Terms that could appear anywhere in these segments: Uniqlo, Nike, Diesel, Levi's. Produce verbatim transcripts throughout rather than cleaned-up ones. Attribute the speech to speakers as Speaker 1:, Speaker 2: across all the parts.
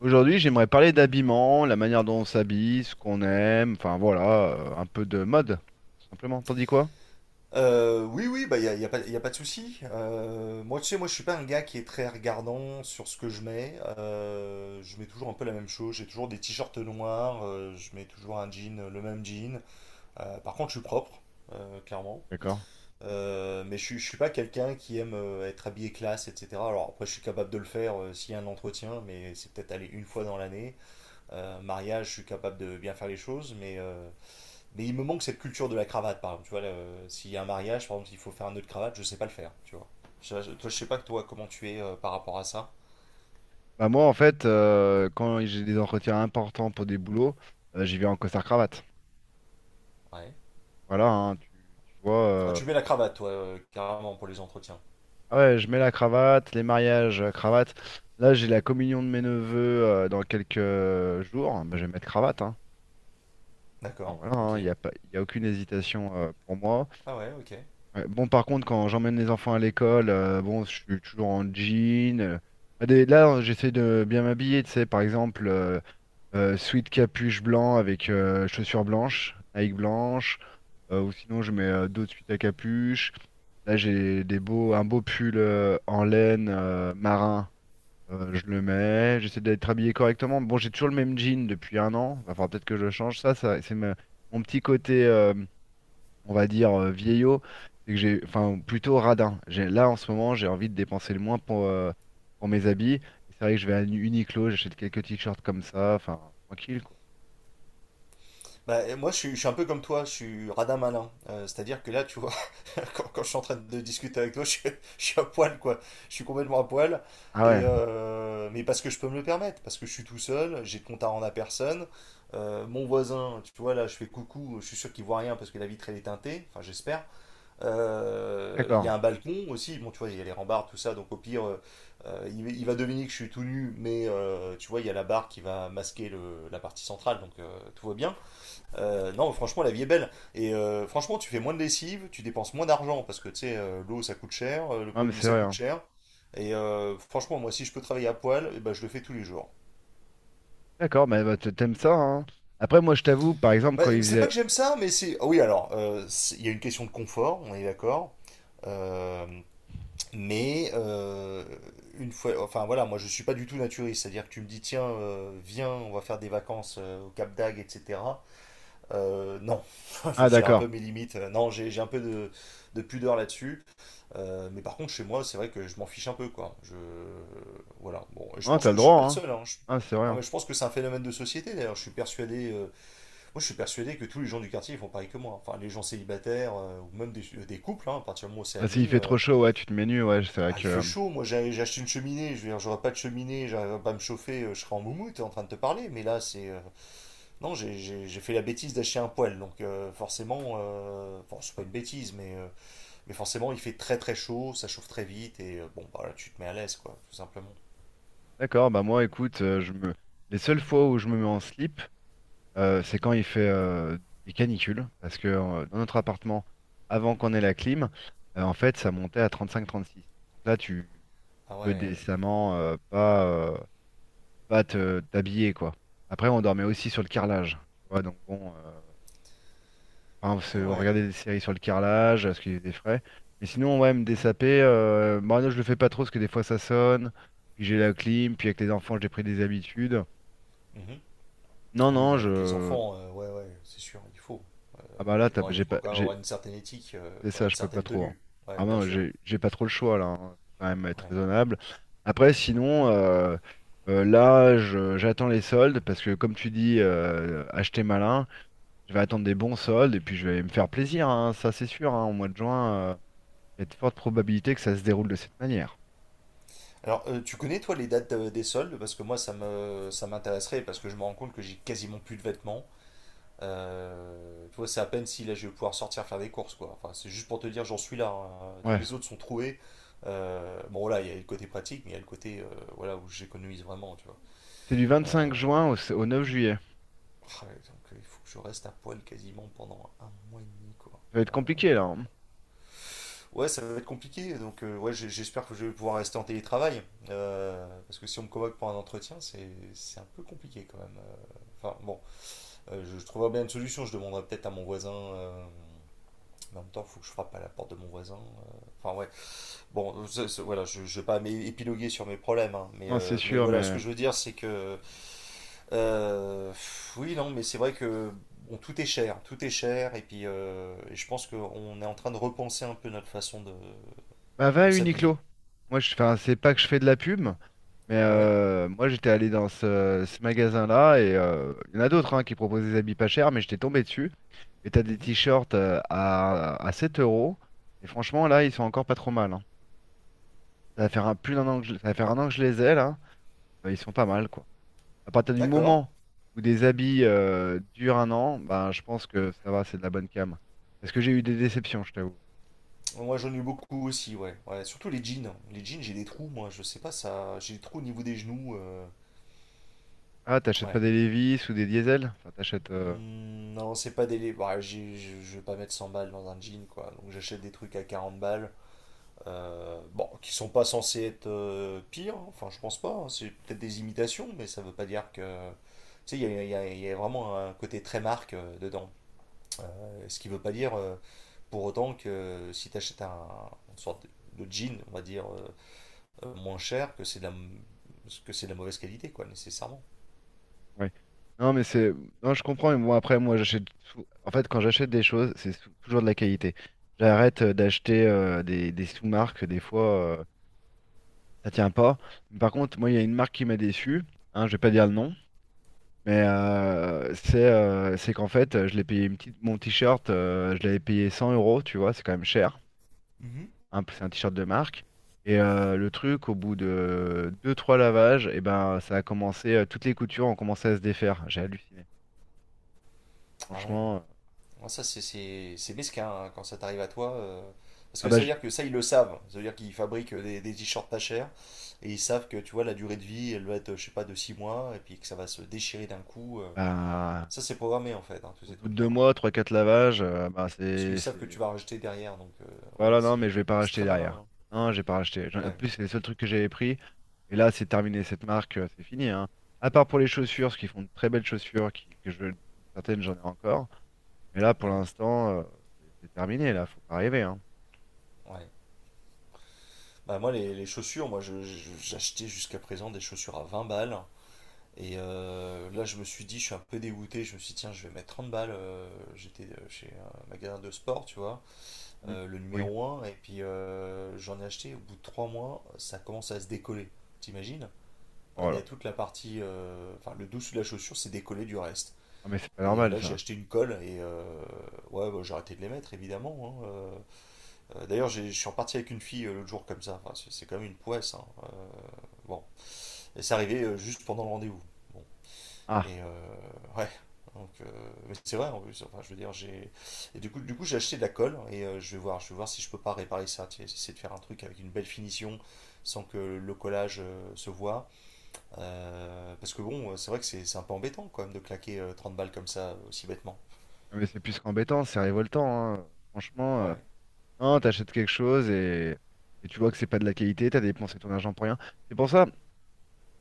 Speaker 1: Aujourd'hui, j'aimerais parler d'habillement, la manière dont on s'habille, ce qu'on aime, enfin voilà, euh, un peu de mode, tout simplement. T'en dis quoi?
Speaker 2: Euh, oui, oui, bah, il n'y a, y a pas, y a pas de souci. Euh, moi, tu sais, moi, je suis pas un gars qui est très regardant sur ce que je mets. Euh, je mets toujours un peu la même chose. J'ai toujours des t-shirts noirs. Euh, je mets toujours un jean, euh, le même jean. Euh, par contre, je suis propre, euh, clairement.
Speaker 1: D'accord.
Speaker 2: Euh, mais je, suis- je suis pas quelqu'un qui aime euh, être habillé classe, et cetera. Alors après, je suis capable de le faire euh, s'il y a un entretien, mais c'est peut-être aller une fois dans l'année. Euh, mariage, je suis capable de bien faire les choses, mais euh, mais il me manque cette culture de la cravate, par exemple. Tu vois, là, euh, s'il y a un mariage, par exemple, s'il faut faire un nœud de cravate, je sais pas le faire, tu vois. Je, je- toi, je sais pas, toi, comment tu es euh, par rapport à ça.
Speaker 1: Bah moi, en fait, euh, quand j'ai des entretiens importants pour des boulots, euh, j'y vais en costard-cravate.
Speaker 2: Ouais.
Speaker 1: Voilà, hein, tu, tu vois.
Speaker 2: Ah,
Speaker 1: euh,
Speaker 2: tu mets la cravate, toi, euh, carrément, pour les entretiens.
Speaker 1: Ah ouais, je mets la cravate, les mariages, euh, cravate. Là, j'ai la communion de mes neveux euh, dans quelques jours. Bah, je vais mettre cravate, hein. Ah,
Speaker 2: D'accord,
Speaker 1: voilà, hein, il n'y
Speaker 2: ok.
Speaker 1: a pas, il y a aucune hésitation euh, pour moi.
Speaker 2: Ah ouais, ok.
Speaker 1: Ouais. Bon, par contre, quand j'emmène les enfants à l'école, euh, bon, je suis toujours en jean. Euh, ah, des- là, hein, j'essaie de bien m'habiller, tu sais, par exemple, euh, euh, sweat capuche blanc avec euh, chaussures blanches, Nike blanche, euh, ou sinon je mets euh, d'autres sweats à capuche. Là, j'ai des beaux, un beau pull euh, en laine euh, marin, euh, je le mets. J'essaie d'être habillé correctement. Bon, j'ai toujours le même jean depuis un an. Va falloir peut-être que je le change. Ça, ça, c'est ma- mon petit côté. Euh, on va dire, euh, vieillot, c'est que j'ai, enfin, plutôt radin. J'ai, là, en ce moment, j'ai envie de dépenser le moins pour, euh, pour mes habits. Et c'est vrai que je vais à Uniqlo, j'achète quelques t-shirts comme ça, enfin, tranquille, quoi.
Speaker 2: Bah, et moi, je suis, je suis un peu comme toi, je suis radin malin. Euh, c'est-à-dire que là, tu vois, quand, quand je suis en train de discuter avec toi, je, suis je suis à poil, quoi. Je suis complètement à poil.
Speaker 1: Ah
Speaker 2: Et
Speaker 1: ouais,
Speaker 2: euh, mais parce que je peux me le permettre, parce que je suis tout seul, j'ai de compte à rendre à personne. Euh, mon voisin, tu vois, là, je fais coucou, je suis sûr qu'il voit rien parce que la vitre, elle est teintée, enfin, j'espère. Euh, Il y
Speaker 1: d'accord.
Speaker 2: a un balcon aussi, bon, tu vois, il y a les rambardes, tout ça, donc au pire, euh, euh, il, il va deviner que je suis tout nu, mais euh, tu vois, il y a la barre qui va masquer le- la partie centrale, donc euh, tout va bien. Euh, non, franchement, la vie est belle. Et euh, franchement, tu fais moins de lessive, tu dépenses moins d'argent parce que tu sais, euh, l'eau ça coûte cher, euh, le
Speaker 1: Ah, mais
Speaker 2: produit
Speaker 1: c'est
Speaker 2: ça
Speaker 1: vrai,
Speaker 2: coûte
Speaker 1: hein.
Speaker 2: cher. Et euh, franchement, moi, si je peux travailler à poil, eh ben, je le fais tous les jours.
Speaker 1: D'accord, mais bah, t- t'aimes ça, hein. Après, moi, je t'avoue, par exemple,
Speaker 2: Bah,
Speaker 1: quand il
Speaker 2: c'est pas que
Speaker 1: faisait...
Speaker 2: j'aime ça, mais c'est. Ah oui, alors, euh, c'est- il y a une question de confort, on est d'accord. Euh, mais euh, une fois, enfin voilà, moi je suis pas du tout naturiste, c'est-à-dire que tu me dis tiens, euh, viens, on va faire des vacances euh, au Cap d'Agde, et cetera. Euh, non,
Speaker 1: Ah,
Speaker 2: j'ai un peu
Speaker 1: d'accord.
Speaker 2: mes limites. Non, j'ai j'ai un peu de, de pudeur là-dessus. Euh, mais par contre, chez moi, c'est vrai que je m'en fiche un peu, quoi. Je... Voilà. Bon, et je
Speaker 1: Non,
Speaker 2: pense
Speaker 1: t'as le
Speaker 2: que je suis
Speaker 1: droit,
Speaker 2: pas le
Speaker 1: hein.
Speaker 2: seul, hein. Je-
Speaker 1: Ah, c'est vrai,
Speaker 2: Non,
Speaker 1: hein.
Speaker 2: mais je pense que c'est un phénomène de société, d'ailleurs. Je suis persuadé... euh, Moi, je suis persuadé que tous les gens du quartier, ils font pareil que moi. Enfin, les gens célibataires, euh, ou même des, euh, des couples, hein, à partir du moment où c'est
Speaker 1: Ah, s'il
Speaker 2: admis...
Speaker 1: fait
Speaker 2: euh,
Speaker 1: trop chaud, ouais, tu te mets nu, ouais, c'est vrai
Speaker 2: Bah, il fait
Speaker 1: que...
Speaker 2: chaud, moi j'ai j'ai acheté une cheminée, je veux dire, j'aurais pas de cheminée, j'arrive pas à me chauffer, euh, je serais en moumoute en train de te parler, mais là c'est euh, non, j'ai- j'ai j'ai fait la bêtise d'acheter un poêle, donc euh, forcément, euh, bon, c'est pas une bêtise, mais, euh, mais forcément, il fait très très chaud, ça chauffe très vite, et euh, bon, bah là, tu te mets à l'aise, quoi, tout simplement.
Speaker 1: D'accord, bah moi, écoute, euh, je me... Les seules fois où je me mets en slip, euh, c'est quand il fait euh, des canicules, parce que euh, dans notre appartement, avant qu'on ait la clim, euh, en fait, ça montait à trente-cinq à trente-six. Donc là, tu, tu
Speaker 2: Ah
Speaker 1: peux
Speaker 2: ouais,
Speaker 1: décemment euh, pas, euh, pas te t'habiller, quoi. Après, on dormait aussi sur le carrelage, tu vois, donc bon, euh, enfin, on se-
Speaker 2: ah
Speaker 1: on
Speaker 2: ouais.
Speaker 1: regardait des séries sur le carrelage, parce qu'il faisait frais. Mais sinon, ouais, me
Speaker 2: Mhm.
Speaker 1: dessaper, euh, moi, non, je le fais pas trop, parce que des fois, ça sonne, puis j'ai la clim, puis avec les enfants, j'ai pris des habitudes.
Speaker 2: Mhm.
Speaker 1: Non,
Speaker 2: Oui,
Speaker 1: non,
Speaker 2: mais avec les
Speaker 1: je...
Speaker 2: enfants, euh, ouais, ouais, c'est sûr, il faut.
Speaker 1: Ah
Speaker 2: Euh,
Speaker 1: bah là, t'as-
Speaker 2: non, il
Speaker 1: j'ai
Speaker 2: faut
Speaker 1: pas,
Speaker 2: quand même avoir
Speaker 1: j'ai-
Speaker 2: une certaine éthique, euh,
Speaker 1: c'est
Speaker 2: enfin
Speaker 1: ça,
Speaker 2: une
Speaker 1: je peux pas
Speaker 2: certaine
Speaker 1: trop. Hein.
Speaker 2: tenue, ouais,
Speaker 1: Ah
Speaker 2: bien
Speaker 1: non,
Speaker 2: sûr.
Speaker 1: j'ai j'ai pas trop le choix là. Hein. Faut quand même être
Speaker 2: Ouais.
Speaker 1: raisonnable. Après, sinon, euh, euh, là, je- j'attends les soldes parce que comme tu dis, euh, acheter malin, je vais attendre des bons soldes et puis je vais me faire plaisir. Hein, ça, c'est sûr. Hein. Au mois de juin, euh, il y a de fortes probabilités que ça se déroule de cette manière.
Speaker 2: Alors, euh, tu connais toi les dates euh, des soldes? Parce que moi, ça me, ça m'intéresserait, parce que je me rends compte que j'ai quasiment plus de vêtements. Euh, tu vois, c'est à peine si là je vais pouvoir sortir faire des courses, quoi. Enfin, c'est juste pour te dire, j'en suis là, hein. Tous
Speaker 1: Ouais.
Speaker 2: les autres sont troués. Euh, bon, là, il y a le côté pratique, mais il y a le côté euh, voilà, où j'économise vraiment, tu vois.
Speaker 1: C'est du vingt-cinq
Speaker 2: Euh,
Speaker 1: juin au, s- au neuf juillet. Ça
Speaker 2: ah, ouais, donc, euh, il faut que je reste à poil quasiment pendant un mois et demi, quoi.
Speaker 1: va être compliqué là. Hein.
Speaker 2: Ouais, ça va être compliqué. Donc, euh, ouais, j'ai- j'espère que je vais pouvoir rester en télétravail. Euh, parce que si on me convoque pour un entretien, c'est c'est un peu compliqué quand même. Euh. Enfin, bon, euh, je, je trouverai bien une solution. Je demanderai peut-être à mon voisin. Euh, en même temps, il faut que je frappe à la porte de mon voisin. Euh, Enfin, ouais. Bon, c'est- c'est- voilà, je, je vais pas m'é- épiloguer sur mes problèmes, hein, mais,
Speaker 1: Non, c'est
Speaker 2: euh, mais
Speaker 1: sûr,
Speaker 2: voilà, ce
Speaker 1: mais
Speaker 2: que je veux dire, c'est que. Euh, pff, oui, non, mais c'est vrai que. Bon, tout est cher, tout est cher, et puis euh, et je pense qu'on est en train de repenser un peu notre façon de,
Speaker 1: bah, va à
Speaker 2: de s'habiller.
Speaker 1: Uniqlo. Moi je, enfin, c'est pas que je fais de la pub, mais
Speaker 2: Ouais,
Speaker 1: euh, moi j'étais allé dans ce, ce magasin-là et euh, il y en a d'autres hein, qui proposent des habits pas chers, mais j'étais tombé dessus. Et t'as des
Speaker 2: mhm,
Speaker 1: t-shirts euh, à, à sept euros. Et franchement là ils sont encore pas trop mal. Hein. Ça va faire un, plus d'un an que je, ça va faire un an que je les ai là. Euh, ils sont pas mal quoi. À partir du
Speaker 2: d'accord.
Speaker 1: moment où des habits euh, durent un an, ben je pense que ça va, c'est de la bonne cam. Parce que j'ai eu des déceptions, je t'avoue.
Speaker 2: Moi, j'en ai eu beaucoup aussi, ouais. Ouais, surtout les jeans. Les jeans, j'ai des trous, moi, je sais pas, ça. J'ai des trous au niveau des genoux. euh,
Speaker 1: Ah, t'achètes pas
Speaker 2: ouais,
Speaker 1: des Levi's ou des Diesel? Enfin, t'achètes. euh,
Speaker 2: Hmm, Non, c'est pas des. Bah, j'ai- je je vais pas mettre cent balles dans un jean, quoi. Donc j'achète des trucs à quarante balles. Euh, bon, qui sont pas censés être euh, pires, hein. Enfin, je pense pas, hein. C'est peut-être des imitations, mais ça veut pas dire que. Tu sais, il y a, il y a- il y a vraiment un côté très marque euh, dedans. Euh, ce qui veut pas dire euh, Pour autant que si t'achètes un, une sorte de jean, on va dire, euh, euh, moins cher, que c'est de la, m- que c'est de la mauvaise qualité, quoi, nécessairement.
Speaker 1: Ouais. Non, mais c'est. Non, je comprends. Mais moi, après, moi, j'achète. sou- En fait, quand j'achète des choses, c'est sou- toujours de la qualité. J'arrête euh, d'acheter euh, des, des sous-marques. Des fois, euh, ça tient pas. Mais par contre, moi, il y a une marque qui m'a déçu. Hein, je vais pas dire le nom. Mais euh, c'est euh, c'est qu'en fait, euh, je l'ai payé une petite... mon t-shirt. Euh, je l'avais payé cent euros. Tu vois, c'est quand même cher.
Speaker 2: Mhm.
Speaker 1: Hein, c'est un t-shirt de marque. Et euh, le truc, au bout de deux trois lavages, et ben, ça a commencé. Euh, toutes les coutures ont commencé à se défaire. J'ai halluciné.
Speaker 2: Ah ouais.
Speaker 1: Franchement.
Speaker 2: Ah, ça, c'est c'est- c'est mesquin hein, quand ça t'arrive à toi. euh, Parce
Speaker 1: Ah
Speaker 2: que
Speaker 1: bah,
Speaker 2: ça veut
Speaker 1: je-
Speaker 2: dire que ça, ils le savent. Ça veut dire qu'ils fabriquent des, des t-shirts pas chers et ils savent que, tu vois, la durée de vie, elle va être, je sais pas, de six mois et puis que ça va se déchirer d'un coup. Euh.
Speaker 1: bah,
Speaker 2: Ça, c'est programmé en fait, hein, tous
Speaker 1: au
Speaker 2: ces
Speaker 1: bout de deux
Speaker 2: trucs-là, hein.
Speaker 1: mois, trois, quatre lavages, euh, bah
Speaker 2: Parce qu'ils
Speaker 1: c'est,
Speaker 2: savent que tu
Speaker 1: c'est-
Speaker 2: vas racheter derrière. Donc, euh, ouais,
Speaker 1: Voilà, non,
Speaker 2: c'est
Speaker 1: mais je vais pas
Speaker 2: c'est
Speaker 1: racheter
Speaker 2: très malin,
Speaker 1: derrière.
Speaker 2: hein.
Speaker 1: Non, j'ai pas racheté. J'en- En
Speaker 2: Ouais,
Speaker 1: plus, c'est les seuls trucs que j'avais pris. Et là, c'est terminé cette marque, euh, c'est fini, hein. À part pour les chaussures, parce qu'ils font de très belles chaussures, qui, que je... certaines j'en ai encore. Mais là, pour
Speaker 2: ouais,
Speaker 1: l'instant, euh, c'est c'est terminé, là, faut pas rêver, hein.
Speaker 2: ouais. Bah, moi, les, les chaussures, moi, je- je- j'achetais jusqu'à présent des chaussures à vingt balles. Et euh, là, je me suis dit, je suis un peu dégoûté. Je me suis dit, tiens, je vais mettre trente balles. euh, J'étais euh, chez un magasin de sport, tu vois,
Speaker 1: Mm.
Speaker 2: euh, le
Speaker 1: Oui.
Speaker 2: numéro un. Et puis, euh, j'en ai acheté. Au bout de trois mois, ça commence à se décoller. T'imagines? Enfin,
Speaker 1: Oh
Speaker 2: il y
Speaker 1: là
Speaker 2: a
Speaker 1: là.
Speaker 2: toute la partie. Euh, Enfin, le dessous de la chaussure, c'est décollé du reste.
Speaker 1: Ah mais c'est pas
Speaker 2: Et euh,
Speaker 1: normal
Speaker 2: là, j'ai
Speaker 1: ça.
Speaker 2: acheté une colle. Et euh, ouais, bah, j'ai arrêté de les mettre, évidemment, hein. euh. Euh, d'ailleurs, j'ai- je suis reparti avec une fille euh, l'autre jour, comme ça. Enfin, c'est c'est quand même une poisse, hein, euh, bon. Et c'est arrivé euh, juste pendant le rendez-vous. Bon,
Speaker 1: Ah,
Speaker 2: et euh, ouais. Donc, euh, mais c'est vrai en plus. Enfin, je veux dire, j'ai. Et du coup, du coup, j'ai acheté de la colle et euh, je vais voir, je vais voir si je peux pas réparer ça. Tu sais, essayer de faire un truc avec une belle finition sans que le collage euh, se voit. Euh, parce que bon, c'est vrai que c'est c'est un peu embêtant quand même de claquer euh, trente balles comme ça aussi bêtement.
Speaker 1: ah, mais c'est plus qu'embêtant, c'est révoltant, hein. Franchement. euh,
Speaker 2: Ouais,
Speaker 1: Non, t'achètes quelque chose et, et tu vois que c'est pas de la qualité, t'as dépensé ton argent pour rien. C'est pour ça,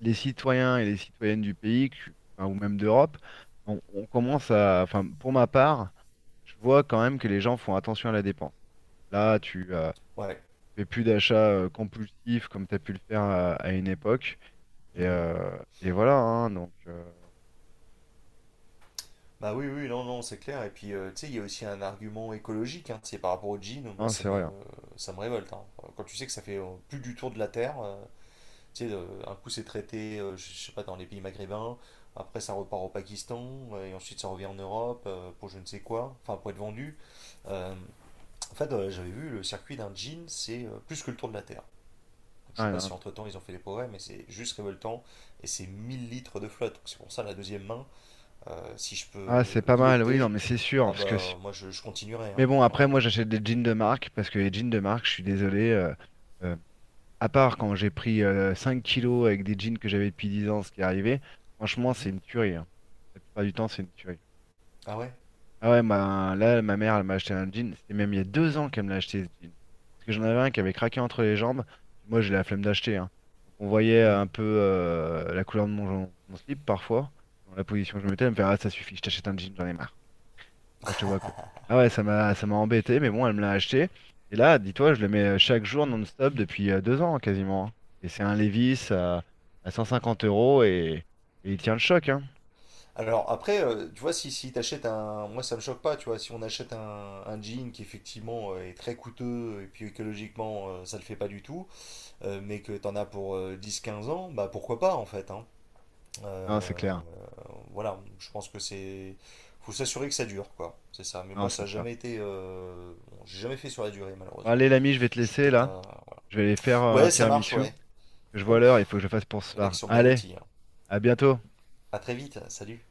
Speaker 1: les citoyens et les citoyennes du pays, que- enfin, ou même d'Europe, on, on commence à, enfin, pour ma part, je vois quand même que les gens font attention à la dépense. Là, tu euh,
Speaker 2: ouais.
Speaker 1: fais plus d'achats euh, compulsifs comme t'as pu le faire à, à une époque, et,
Speaker 2: Mhm.
Speaker 1: euh, et voilà, hein, donc, euh,
Speaker 2: Bah oui, oui, non, non, c'est clair. Et puis, euh, tu sais, il y a aussi un argument écologique, hein. C'est par rapport au jean, moi,
Speaker 1: hein,
Speaker 2: ça
Speaker 1: c'est
Speaker 2: me,
Speaker 1: vrai. Hein.
Speaker 2: ça me révolte, hein. Quand tu sais que ça fait euh, plus du tour de la Terre. euh, Tu sais, euh, un coup c'est traité, euh, je je sais pas, dans les pays maghrébins, après ça repart au Pakistan, euh, et ensuite ça revient en Europe euh, pour je ne sais quoi, enfin pour être vendu. Euh, en fait, euh, J'avais vu le circuit d'un jean, c'est euh, plus que le tour de la Terre. Donc, je sais
Speaker 1: Ah,
Speaker 2: pas
Speaker 1: non,
Speaker 2: si
Speaker 1: mais-
Speaker 2: entre-temps ils ont fait des progrès, mais c'est juste révoltant, et c'est mille litres de flotte. Donc, c'est pour ça la deuxième main, euh, si je peux
Speaker 1: ah, c'est pas
Speaker 2: y
Speaker 1: mal, oui, non,
Speaker 2: opter,
Speaker 1: mais c'est sûr,
Speaker 2: ah
Speaker 1: parce que, si...
Speaker 2: bah moi je, je continuerai,
Speaker 1: mais
Speaker 2: hein.
Speaker 1: bon, après,
Speaker 2: Ouais.
Speaker 1: moi, j'achète des jeans de marque parce que les jeans de marque, je suis désolé. euh, euh, À part quand j'ai pris euh, 5 kilos avec des jeans que j'avais depuis dix ans, ce qui est arrivé, franchement, c'est
Speaker 2: Mhm.
Speaker 1: une tuerie. Hein. La plupart du temps, c'est une tuerie.
Speaker 2: Ah ouais?
Speaker 1: Ah ouais, ma- là, ma mère, elle m'a acheté un jean. C'était même il y a deux ans qu'elle me l'a acheté, ce jean. Parce que j'en avais un qui avait craqué entre les jambes. Puis moi, j'ai la flemme d'acheter. Hein. Donc on voyait
Speaker 2: Hmm.
Speaker 1: un peu euh, la couleur de mon, mon slip parfois. Dans la position que je mettais, elle me fait, ah, ça suffit, je t'achète un jean, j'en ai marre quand je te vois que... Ah ouais, ça m'a ça m'a embêté, mais bon, elle me l'a acheté. Et là, dis-toi, je le mets euh, chaque jour non-stop depuis euh, deux ans quasiment. Hein. Et c'est un Levi's à, à cent cinquante euros et, et il tient le choc, hein.
Speaker 2: Alors après, euh, tu vois, si, si t'achètes un... Moi, ça me choque pas, tu vois, si on achète un, un jean qui effectivement euh, est très coûteux et puis écologiquement, euh, ça le fait pas du tout, euh, mais que t'en as pour euh, dix quinze ans, bah pourquoi pas en fait, hein.
Speaker 1: Non, c'est
Speaker 2: Euh,
Speaker 1: clair.
Speaker 2: voilà, je pense que c'est... Faut s'assurer que ça dure, quoi. C'est ça. Mais moi,
Speaker 1: Non,
Speaker 2: ça
Speaker 1: c'est
Speaker 2: a
Speaker 1: ça.
Speaker 2: jamais été... euh, Bon, j'ai jamais fait sur la durée,
Speaker 1: Bon,
Speaker 2: malheureusement.
Speaker 1: allez, l'ami, je vais te
Speaker 2: Je suis
Speaker 1: laisser
Speaker 2: peut-être
Speaker 1: là.
Speaker 2: un...
Speaker 1: Je vais aller faire euh, un
Speaker 2: Ouais, ça marche,
Speaker 1: tiramisu.
Speaker 2: ouais.
Speaker 1: Je vois l'heure, il faut que
Speaker 2: Ouf,
Speaker 1: je le fasse pour ce
Speaker 2: il y en a qui
Speaker 1: soir.
Speaker 2: sont bien
Speaker 1: Allez,
Speaker 2: lotis, hein.
Speaker 1: à bientôt.
Speaker 2: À très vite, salut.